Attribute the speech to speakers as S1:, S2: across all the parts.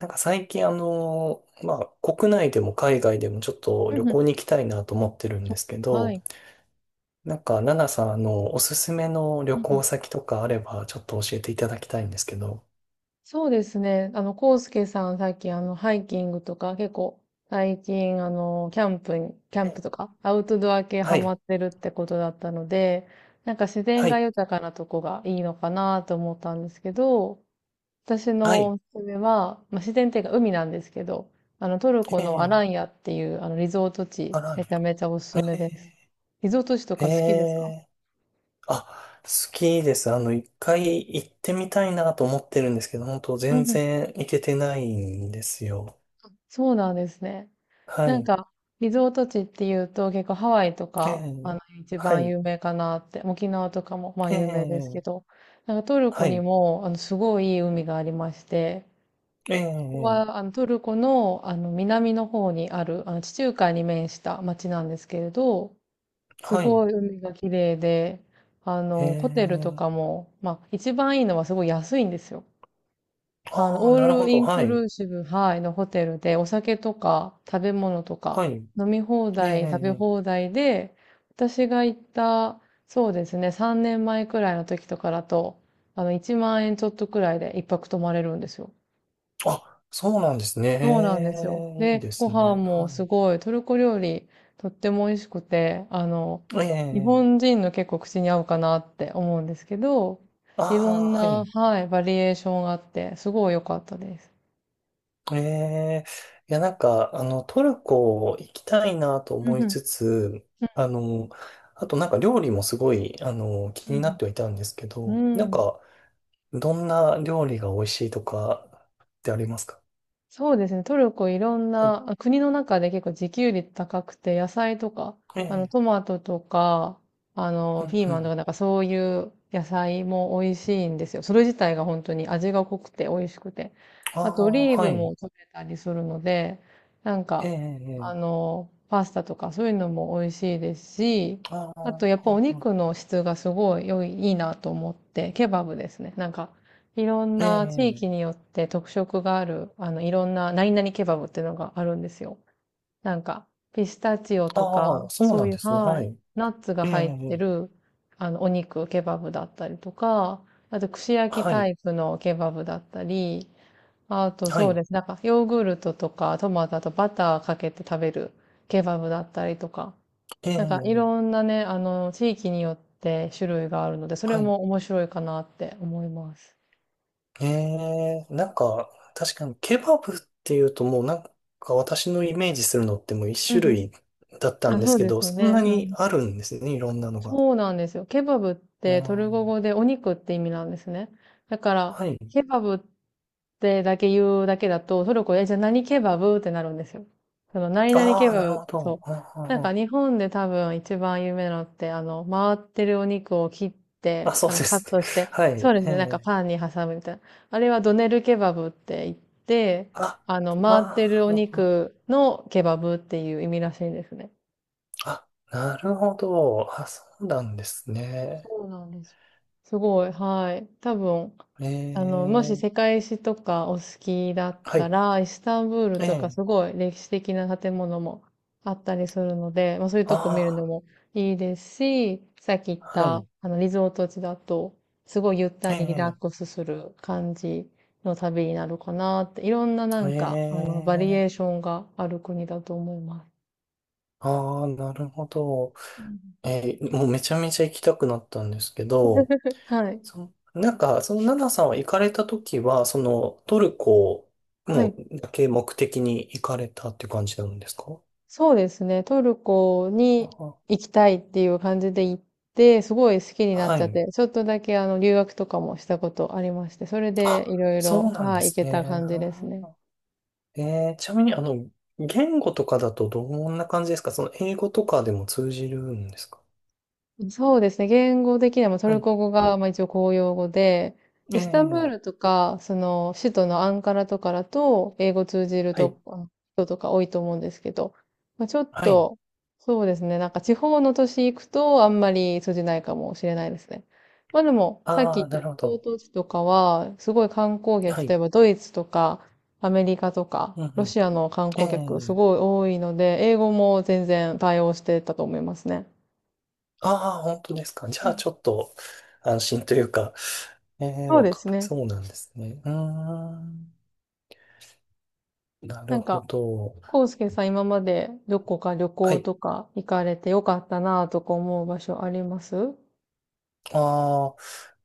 S1: なんか最近まあ国内でも海外でもちょっと
S2: う
S1: 旅
S2: んうん。
S1: 行に行きたいなと思ってるんですけ
S2: は
S1: ど、
S2: い。
S1: なんかナナさんおすすめの旅
S2: うんうん。
S1: 行先とかあればちょっと教えていただきたいんですけど。
S2: そうですね。コウスケさん、さっきハイキングとか、結構、最近、キャン
S1: え
S2: プとか、アウトドア系
S1: は
S2: ハマ
S1: い、
S2: ってるってことだったので、なんか自然
S1: は
S2: が
S1: い、
S2: 豊かなとこがいいのかなと思ったんですけど、私
S1: は
S2: の
S1: い、
S2: おすすめは、まあ、自然っていうか海なんですけど、トルコのア
S1: え
S2: ラン
S1: え
S2: ヤっていう、リゾート地、
S1: あらん
S2: め
S1: や。
S2: ちゃめちゃおすすめ
S1: え
S2: です。リゾート地と
S1: え、え
S2: か好きですか？
S1: え、あ、好きです。一回行ってみたいなと思ってるんですけど、本当
S2: う
S1: 全
S2: んうん。
S1: 然行けてないんですよ。
S2: そうなんですね。
S1: は
S2: なん
S1: い、
S2: か、リゾート地っていうと結構ハワイと
S1: え
S2: か、
S1: え、
S2: 一
S1: は
S2: 番
S1: い、
S2: 有名かなって、沖縄とかもまあ有名ですけ
S1: ええ、
S2: ど、なんかトルコ
S1: は
S2: に
S1: い。
S2: も、すごいいい海がありまして、
S1: え
S2: ここは、
S1: え、
S2: トルコの、南の方にある、地中海に面した町なんですけれど、す
S1: はい。
S2: ごい海が綺麗で、
S1: え
S2: ホテルとか
S1: え。
S2: も、まあ、一番いいのはすごい安いんですよ。
S1: ああ、
S2: オー
S1: なるほ
S2: ルイ
S1: ど。
S2: ン
S1: は
S2: ク
S1: い。
S2: ルーシブ、はい、のホテルで、お酒とか食べ物と
S1: は
S2: か、
S1: い。
S2: 飲み放
S1: ええ、
S2: 題、食べ
S1: ええ。
S2: 放題で、私が行った、そうですね、3年前くらいの時とかだと、1万円ちょっとくらいで一泊泊まれるんですよ。
S1: あ、そうなんですね。
S2: そうなんですよ。
S1: ええ、いい
S2: で、
S1: で
S2: ご
S1: す
S2: 飯
S1: ね。
S2: も
S1: は
S2: すごい、トルコ料理、とっても美味しくて、
S1: い。ええ、
S2: 日
S1: え、
S2: 本人の結構口に合うかなって思うんですけど、いろん
S1: ああ、は
S2: な、
S1: い。
S2: はい、バリエーションがあって、すごい良かったです。
S1: ええ。いや、なんか、トルコ行きたいなと
S2: う
S1: 思
S2: んう
S1: い
S2: ん
S1: つつ、あの、あとなんか料理もすごい、
S2: う
S1: 気になっ
S2: ん
S1: てはいたんですけ
S2: う
S1: ど、
S2: ん。
S1: な
S2: う
S1: ん
S2: ん。
S1: か、どんな料理が美味しいとかってありますか？
S2: そうですね。トルコいろん
S1: はい。
S2: な、国の中で結構自給率高くて、野菜とか、
S1: ええ。
S2: トマトとか、
S1: うん、
S2: ピー
S1: う
S2: マンと
S1: ん。
S2: か、なんかそういう野菜も美味しいんですよ。それ自体が本当に味が濃くて美味しくて。
S1: あ
S2: あと、オ
S1: あ、
S2: リー
S1: は
S2: ブも
S1: い。
S2: 取れたりするので、なん
S1: ええ、
S2: か、
S1: ええ。
S2: パスタとかそういうのも美味しいですし、
S1: あ
S2: あと、
S1: あ、
S2: やっぱお
S1: うん、
S2: 肉の質がすごいいいなと思って、ケバブですね。なんか、いろん
S1: え
S2: な地
S1: え、
S2: 域によって特色がある、いろんな何々ケバブっていうのがあるんですよ。なんか、ピスタチオとか、
S1: ああ、そう
S2: そ
S1: な
S2: う
S1: ん
S2: いう、
S1: ですね。
S2: は
S1: は
S2: い、
S1: い。
S2: ナッツが
S1: え
S2: 入って
S1: え、
S2: る、お肉、ケバブだったりとか、あと、串焼き
S1: は
S2: タ
S1: い、
S2: イプのケバブだったり、あと、
S1: は
S2: そう
S1: い、
S2: です。なんか、ヨーグルトとか、トマトとバターかけて食べるケバブだったりとか、
S1: え
S2: なんか、い
S1: え、
S2: ろんなね、地域によって種類があるので、それ
S1: はい。
S2: も面白いかなって思います。
S1: ええ、なんか、確かにケバブっていうともうなんか私のイメージするのってもう一
S2: う
S1: 種
S2: んうん。
S1: 類だった
S2: あ、
S1: んで
S2: そ
S1: す
S2: う
S1: け
S2: で
S1: ど、
S2: すよ
S1: そんな
S2: ね。う
S1: に
S2: ん。
S1: あるんですね、いろんなのが。
S2: そうなんですよ。ケバブっ
S1: う
S2: てトルコ
S1: ん、
S2: 語でお肉って意味なんですね。だから、
S1: はい。
S2: ケバブってだけ言うだけだと、トルコで、じゃあ何ケバブってなるんですよ。その、何々
S1: あ
S2: ケ
S1: あ、
S2: バ
S1: なる
S2: ブ、
S1: ほど。
S2: そう。
S1: うん、う
S2: なん
S1: ん、う
S2: か
S1: ん、
S2: 日本で多分一番有名なのって、回ってるお肉を切っ
S1: あ、
S2: て、
S1: そうで
S2: カッ
S1: すね。
S2: トして、
S1: はい。
S2: そうです
S1: え
S2: ね、なんか
S1: え、
S2: パンに挟むみたいな。あれはドネルケバブって言って、
S1: あ、
S2: 回っ
S1: あ
S2: てるお
S1: あ、
S2: 肉のケバブっていう意味らしいんですね。
S1: あ、あ、なるほど。あ、そうなんですね。
S2: そうなんです。すごい、はい。多分、
S1: え
S2: もし世
S1: え、
S2: 界史とかお好きだっ
S1: は
S2: た
S1: い。
S2: ら、イスタンブール
S1: え
S2: とか
S1: え、
S2: すごい歴史的な建物もあったりするので、まあそういうとこ見るの
S1: あ
S2: もいいですし、さっき言っ
S1: あ、はい。
S2: た、リゾート地だと、すごいゆった
S1: え
S2: りリラッ
S1: え、
S2: クスする感じの旅になるかなって、いろんなな
S1: え
S2: んか、バリエー
S1: え、
S2: ションがある国だと思います。
S1: ああ、なるほど。
S2: うん。
S1: ええ、もうめちゃめちゃ行きたくなったんですけど、
S2: はい。
S1: そ、なんか、そのナナさんは行かれた時は、そのトルコ
S2: は
S1: も
S2: い。
S1: うだけ目的に行かれたっていう感じなんですか？
S2: そうですね。トルコ
S1: あ
S2: に
S1: あ、
S2: 行きたいっていう感じで行って、すごい好きになっ
S1: は
S2: ちゃっ
S1: い。
S2: て、ちょっとだけ留学とかもしたことありまして、それ
S1: あ、
S2: でいろい
S1: そ
S2: ろ、
S1: うなんで
S2: はい、行
S1: す
S2: け
S1: ね。
S2: た感
S1: な
S2: じ
S1: る
S2: です
S1: ほ
S2: ね。
S1: ど。ええ、ちなみに、言語とかだとどんな感じですか？その英語とかでも通じるんですか？
S2: そうですね。言語的にはもうト
S1: は
S2: ル
S1: い、
S2: コ語が、まあ、一応公用語で、
S1: え
S2: イスタンブー
S1: え、
S2: ルとか、その、首都のアンカラとかだと、英語通じる
S1: はい、
S2: と、人とか多いと思うんですけど、まあ、ちょっ
S1: はい。
S2: と、そうですね。なんか地方の都市行くと、あんまり通じないかもしれないですね。まあでも、さっき
S1: あ
S2: 言っ
S1: あ、
S2: た
S1: な
S2: リ
S1: るほ
S2: ゾー
S1: ど。
S2: ト地とかは、すごい観光
S1: は
S2: 客、例
S1: い。
S2: えばドイツとか、アメリカとか、
S1: うん
S2: ロ
S1: うん。
S2: シアの観
S1: え
S2: 光客、す
S1: え、
S2: ごい多いので、英語も全然対応してたと思いますね。
S1: ああ、本当ですか。じゃあ、ちょっと安心というか、ええ、
S2: そう
S1: わ
S2: で
S1: か、
S2: すね。
S1: そうなんですね。うーん。な
S2: な
S1: る
S2: ん
S1: ほ
S2: か、
S1: ど。
S2: コウスケさん今までどこか旅
S1: は
S2: 行
S1: い。
S2: とか行かれてよかったなぁとか思う場所あります？うん
S1: ああ、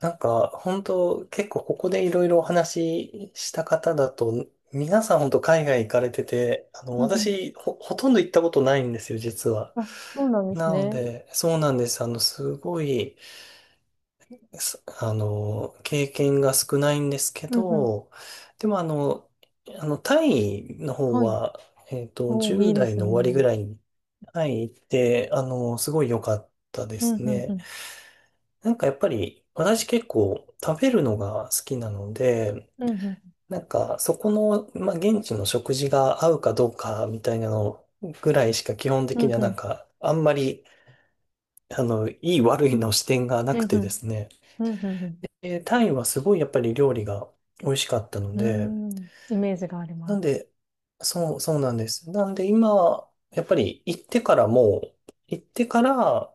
S1: なんか、本当結構ここでいろいろお話しした方だと、皆さん本当海外行かれてて、
S2: うん。
S1: 私、ほとんど行ったことないんですよ、実は。
S2: あ、そうなんです
S1: なの
S2: ね。
S1: で、そうなんです。すごい、経験が少ないんですけ
S2: うんうん。
S1: ど、でもタイの方
S2: はい。
S1: は、
S2: おー、い
S1: 10
S2: いで
S1: 代
S2: す
S1: の終わりぐ
S2: ね。
S1: らいにタイ行って、すごい良かったで
S2: うんう
S1: す
S2: んう
S1: ね。
S2: ん。
S1: なんかやっぱり、私結構食べるのが好きなので、
S2: うんうん。
S1: なんかそこの、まあ、現地の食事が合うかどうかみたいなのぐらいしか基本
S2: う
S1: 的
S2: ん
S1: には
S2: う
S1: な
S2: ん。
S1: んか、あんまり、いい悪いの視点がな
S2: う
S1: く
S2: んう
S1: てで
S2: ん。
S1: すね。
S2: うんうん
S1: タイはすごいやっぱり料理が美味しかったの
S2: う
S1: で、
S2: ん。うーん。イメージがあり
S1: な
S2: ま
S1: ん
S2: す。
S1: で、そう、そうなんです。なんで今、やっぱり行ってからも、行ってから、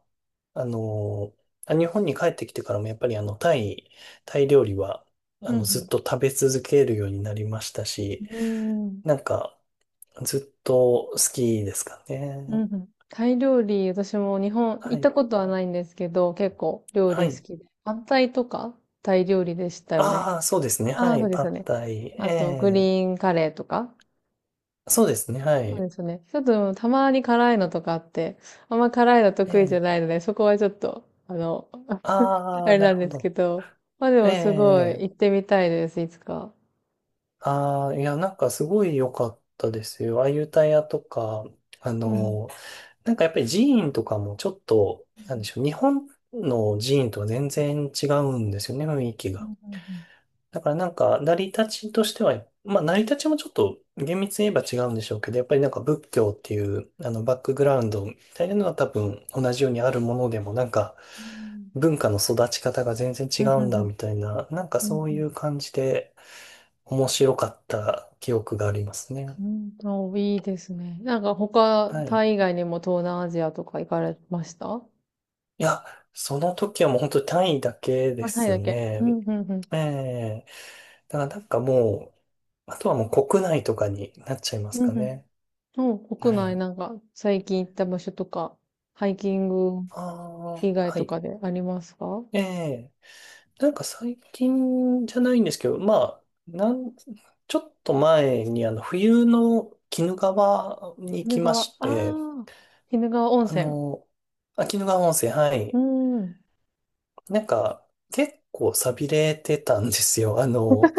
S1: あのあ、日本に帰ってきてからもやっぱりタイ、タイ料理は、
S2: う
S1: ずっ
S2: ん
S1: と食べ続けるようになりましたし、
S2: うん。うーん。
S1: なんか、ずっと好きですか
S2: うん
S1: ね。
S2: うん。タイ料理、私も日本行
S1: は
S2: った
S1: い。
S2: ことはないんですけど、結構料
S1: は
S2: 理好
S1: い。
S2: きで。反対とかタイ料理でしたよね。
S1: ああ、そうですね。
S2: あ
S1: は
S2: あ、そ
S1: い。
S2: うで
S1: パ
S2: すよ
S1: ッ
S2: ね。
S1: タイ。
S2: あと、グリ
S1: ええ、
S2: ーンカレーとか。
S1: そうですね。は
S2: そう
S1: い。
S2: ですね。ちょっと、たまに辛いのとかあって、あんま辛いの得意じゃ
S1: ええ、
S2: ないので、そこはちょっと、あ
S1: ああ、
S2: れ
S1: な
S2: な
S1: る
S2: ん
S1: ほ
S2: です
S1: ど。
S2: けど。まあで
S1: え
S2: も、すごい、行
S1: え、
S2: ってみたいです、いつか。
S1: ああ、いや、なんかすごい良かったですよ。ああいう歌屋とか、あ
S2: うんうん
S1: の、なんかやっぱり寺院とかもちょっと、なんでしょう、日本の寺院とは全然違うんですよね、雰囲気
S2: う
S1: が。
S2: ん
S1: だからなんか、成り立ちとしては、まあ、成り立ちもちょっと厳密に言えば違うんでしょうけど、やっぱりなんか仏教っていう、バックグラウンドみたいなのは多分同じようにあるものでも、なんか、
S2: うん
S1: 文化の育ち方が全然
S2: う
S1: 違
S2: んうん
S1: うん
S2: う
S1: だ
S2: ん
S1: みたいな、なんかそうい
S2: う
S1: う感じで、面白かった記憶がありますね。
S2: んうん。お、いいですね。なんか他、
S1: はい。
S2: タイ以
S1: い
S2: 外にも東南アジアとか行かれました？
S1: や、その時はもう本当に単位だけで
S2: あ、タイ
S1: す
S2: だけ。
S1: ね。
S2: うん、うん、うん。
S1: ええ、だからなんかもう、あとはもう国内とかになっちゃいます
S2: う
S1: か
S2: ん、
S1: ね。
S2: うん。国
S1: は
S2: 内
S1: い。
S2: なんか最近行った場所とか、ハイキング
S1: ああ、
S2: 以外
S1: は
S2: と
S1: い。
S2: かでありますか？
S1: ええ、なんか最近じゃないんですけど、まあ、なん、ちょっと前に冬の鬼怒川に行
S2: 鬼怒
S1: きま
S2: 川、あ
S1: して、
S2: あ、鬼怒川温
S1: あ
S2: 泉。
S1: の、あ、鬼怒川温泉、は
S2: う
S1: い。
S2: ん。
S1: なんか、結構寂れてたんですよ。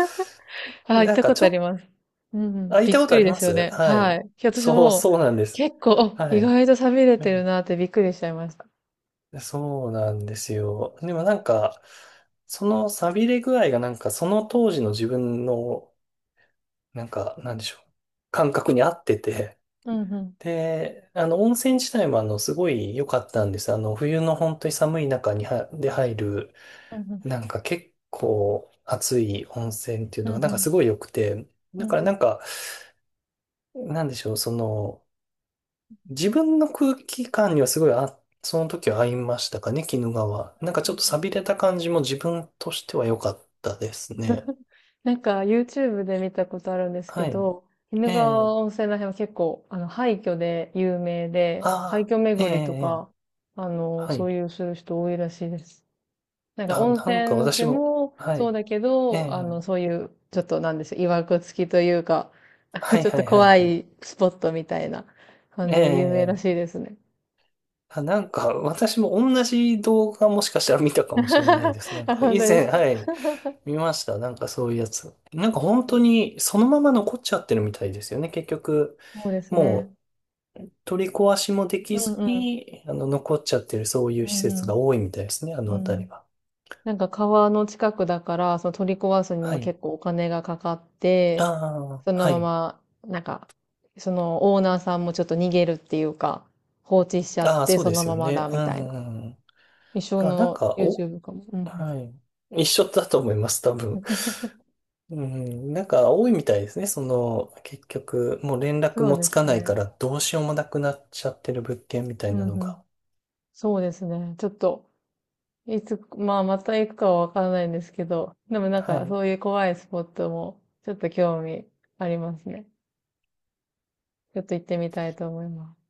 S2: ああ、行っ
S1: なん
S2: た
S1: か
S2: こ
S1: ち
S2: と
S1: ょ
S2: あり
S1: っ
S2: ます。う
S1: と、あ、
S2: ん、
S1: 行っ
S2: びっ
S1: たこと
S2: く
S1: あ
S2: り
S1: り
S2: で
S1: ま
S2: すよ
S1: す、
S2: ね。
S1: は
S2: は
S1: い。
S2: い。私
S1: そう、
S2: も
S1: そうなんです。
S2: 結構、あ、
S1: は
S2: 意
S1: い。
S2: 外と寂れてる
S1: ね、
S2: なってびっくりしちゃいました。
S1: そうなんですよ。でもなんか、その寂れ具合がなんか、その当時の自分の、なんか、なんでしょう。感覚に合ってて。
S2: うんうん、
S1: で、温泉自体もすごい良かったんです。冬の本当に寒い中には、で入る、
S2: うんうん、
S1: なんか結構熱い温泉っていう
S2: うん
S1: のがな
S2: う
S1: んか
S2: ん、
S1: すごい良くて、だ
S2: う
S1: からな
S2: ん
S1: んか、なんでしょう、その、自分の空気感にはすごい、あ、その時は合いましたかね、鬼怒川。なんか
S2: う
S1: ちょっ
S2: ん。
S1: と寂れた感じも自分としては良かったですね。
S2: なんか YouTube で見たことあるんですけ
S1: はい。
S2: ど、鬼
S1: え
S2: 怒
S1: え、
S2: 川温泉ら辺は結構、廃墟で有名
S1: あ
S2: で、廃
S1: あ、
S2: 墟
S1: ええ、
S2: 巡りと
S1: ええ、
S2: か、
S1: は
S2: そ
S1: い。
S2: ういうする人多いらしいです。なんか
S1: あ、
S2: 温
S1: なんか
S2: 泉
S1: 私
S2: 地
S1: も、
S2: も
S1: は
S2: そう
S1: い。
S2: だけ
S1: え
S2: ど、
S1: え、
S2: そういう、ちょっとなんでしょう、曰く付きというか、
S1: は い、
S2: ちょっ
S1: は
S2: と
S1: い、はい、
S2: 怖
S1: はい。
S2: いスポットみたいな感
S1: え
S2: じで有名らし
S1: え、
S2: いですね。
S1: あ、なんか私も同じ動画もしかしたら見たかもしれないです。な ん
S2: あ、
S1: か
S2: 本
S1: 以
S2: 当で
S1: 前、
S2: すか。
S1: はい。見ました。なんかそういうやつ。なんか
S2: う
S1: 本
S2: ん。
S1: 当にそのまま残っちゃってるみたいですよね。結局、
S2: そうですね。
S1: もう取り壊しもで
S2: う
S1: き
S2: ん
S1: ず
S2: うん。
S1: に、残っちゃってるそうい
S2: う
S1: う施
S2: ん
S1: 設が多いみたいですね。あ
S2: うん。う
S1: の辺
S2: ん。
S1: りは。
S2: なんか川の近くだから、その取り壊すに
S1: は
S2: も
S1: い。
S2: 結構お金がかかっ
S1: あ
S2: て、
S1: あ、
S2: その
S1: は
S2: ま
S1: い。
S2: ま、なんか、そのオーナーさんもちょっと逃げるっていうか、放置しちゃっ
S1: ああ、
S2: て、
S1: そう
S2: そ
S1: で
S2: の
S1: す
S2: ま
S1: よ
S2: まだ、
S1: ね。う
S2: みたいな。
S1: ん。
S2: 一生
S1: あ、なん
S2: の
S1: か、お、
S2: YouTube かも。うんうん、
S1: はい。一緒だと思います、多分。うん。なんか多いみたいですね。その、結局、もう連絡
S2: そう
S1: も
S2: で
S1: つ
S2: す
S1: かないか
S2: ね。
S1: らどうしようもなくなっちゃってる物件みたい
S2: うん
S1: なの
S2: う
S1: が。
S2: ん、そうですね。ちょっと、いつ、まあ、また行くかはわからないんですけど、でもなん
S1: は
S2: か、
S1: い。
S2: そういう怖いスポットも、ちょっと興味ありますね。ちょっと行ってみたいと思います。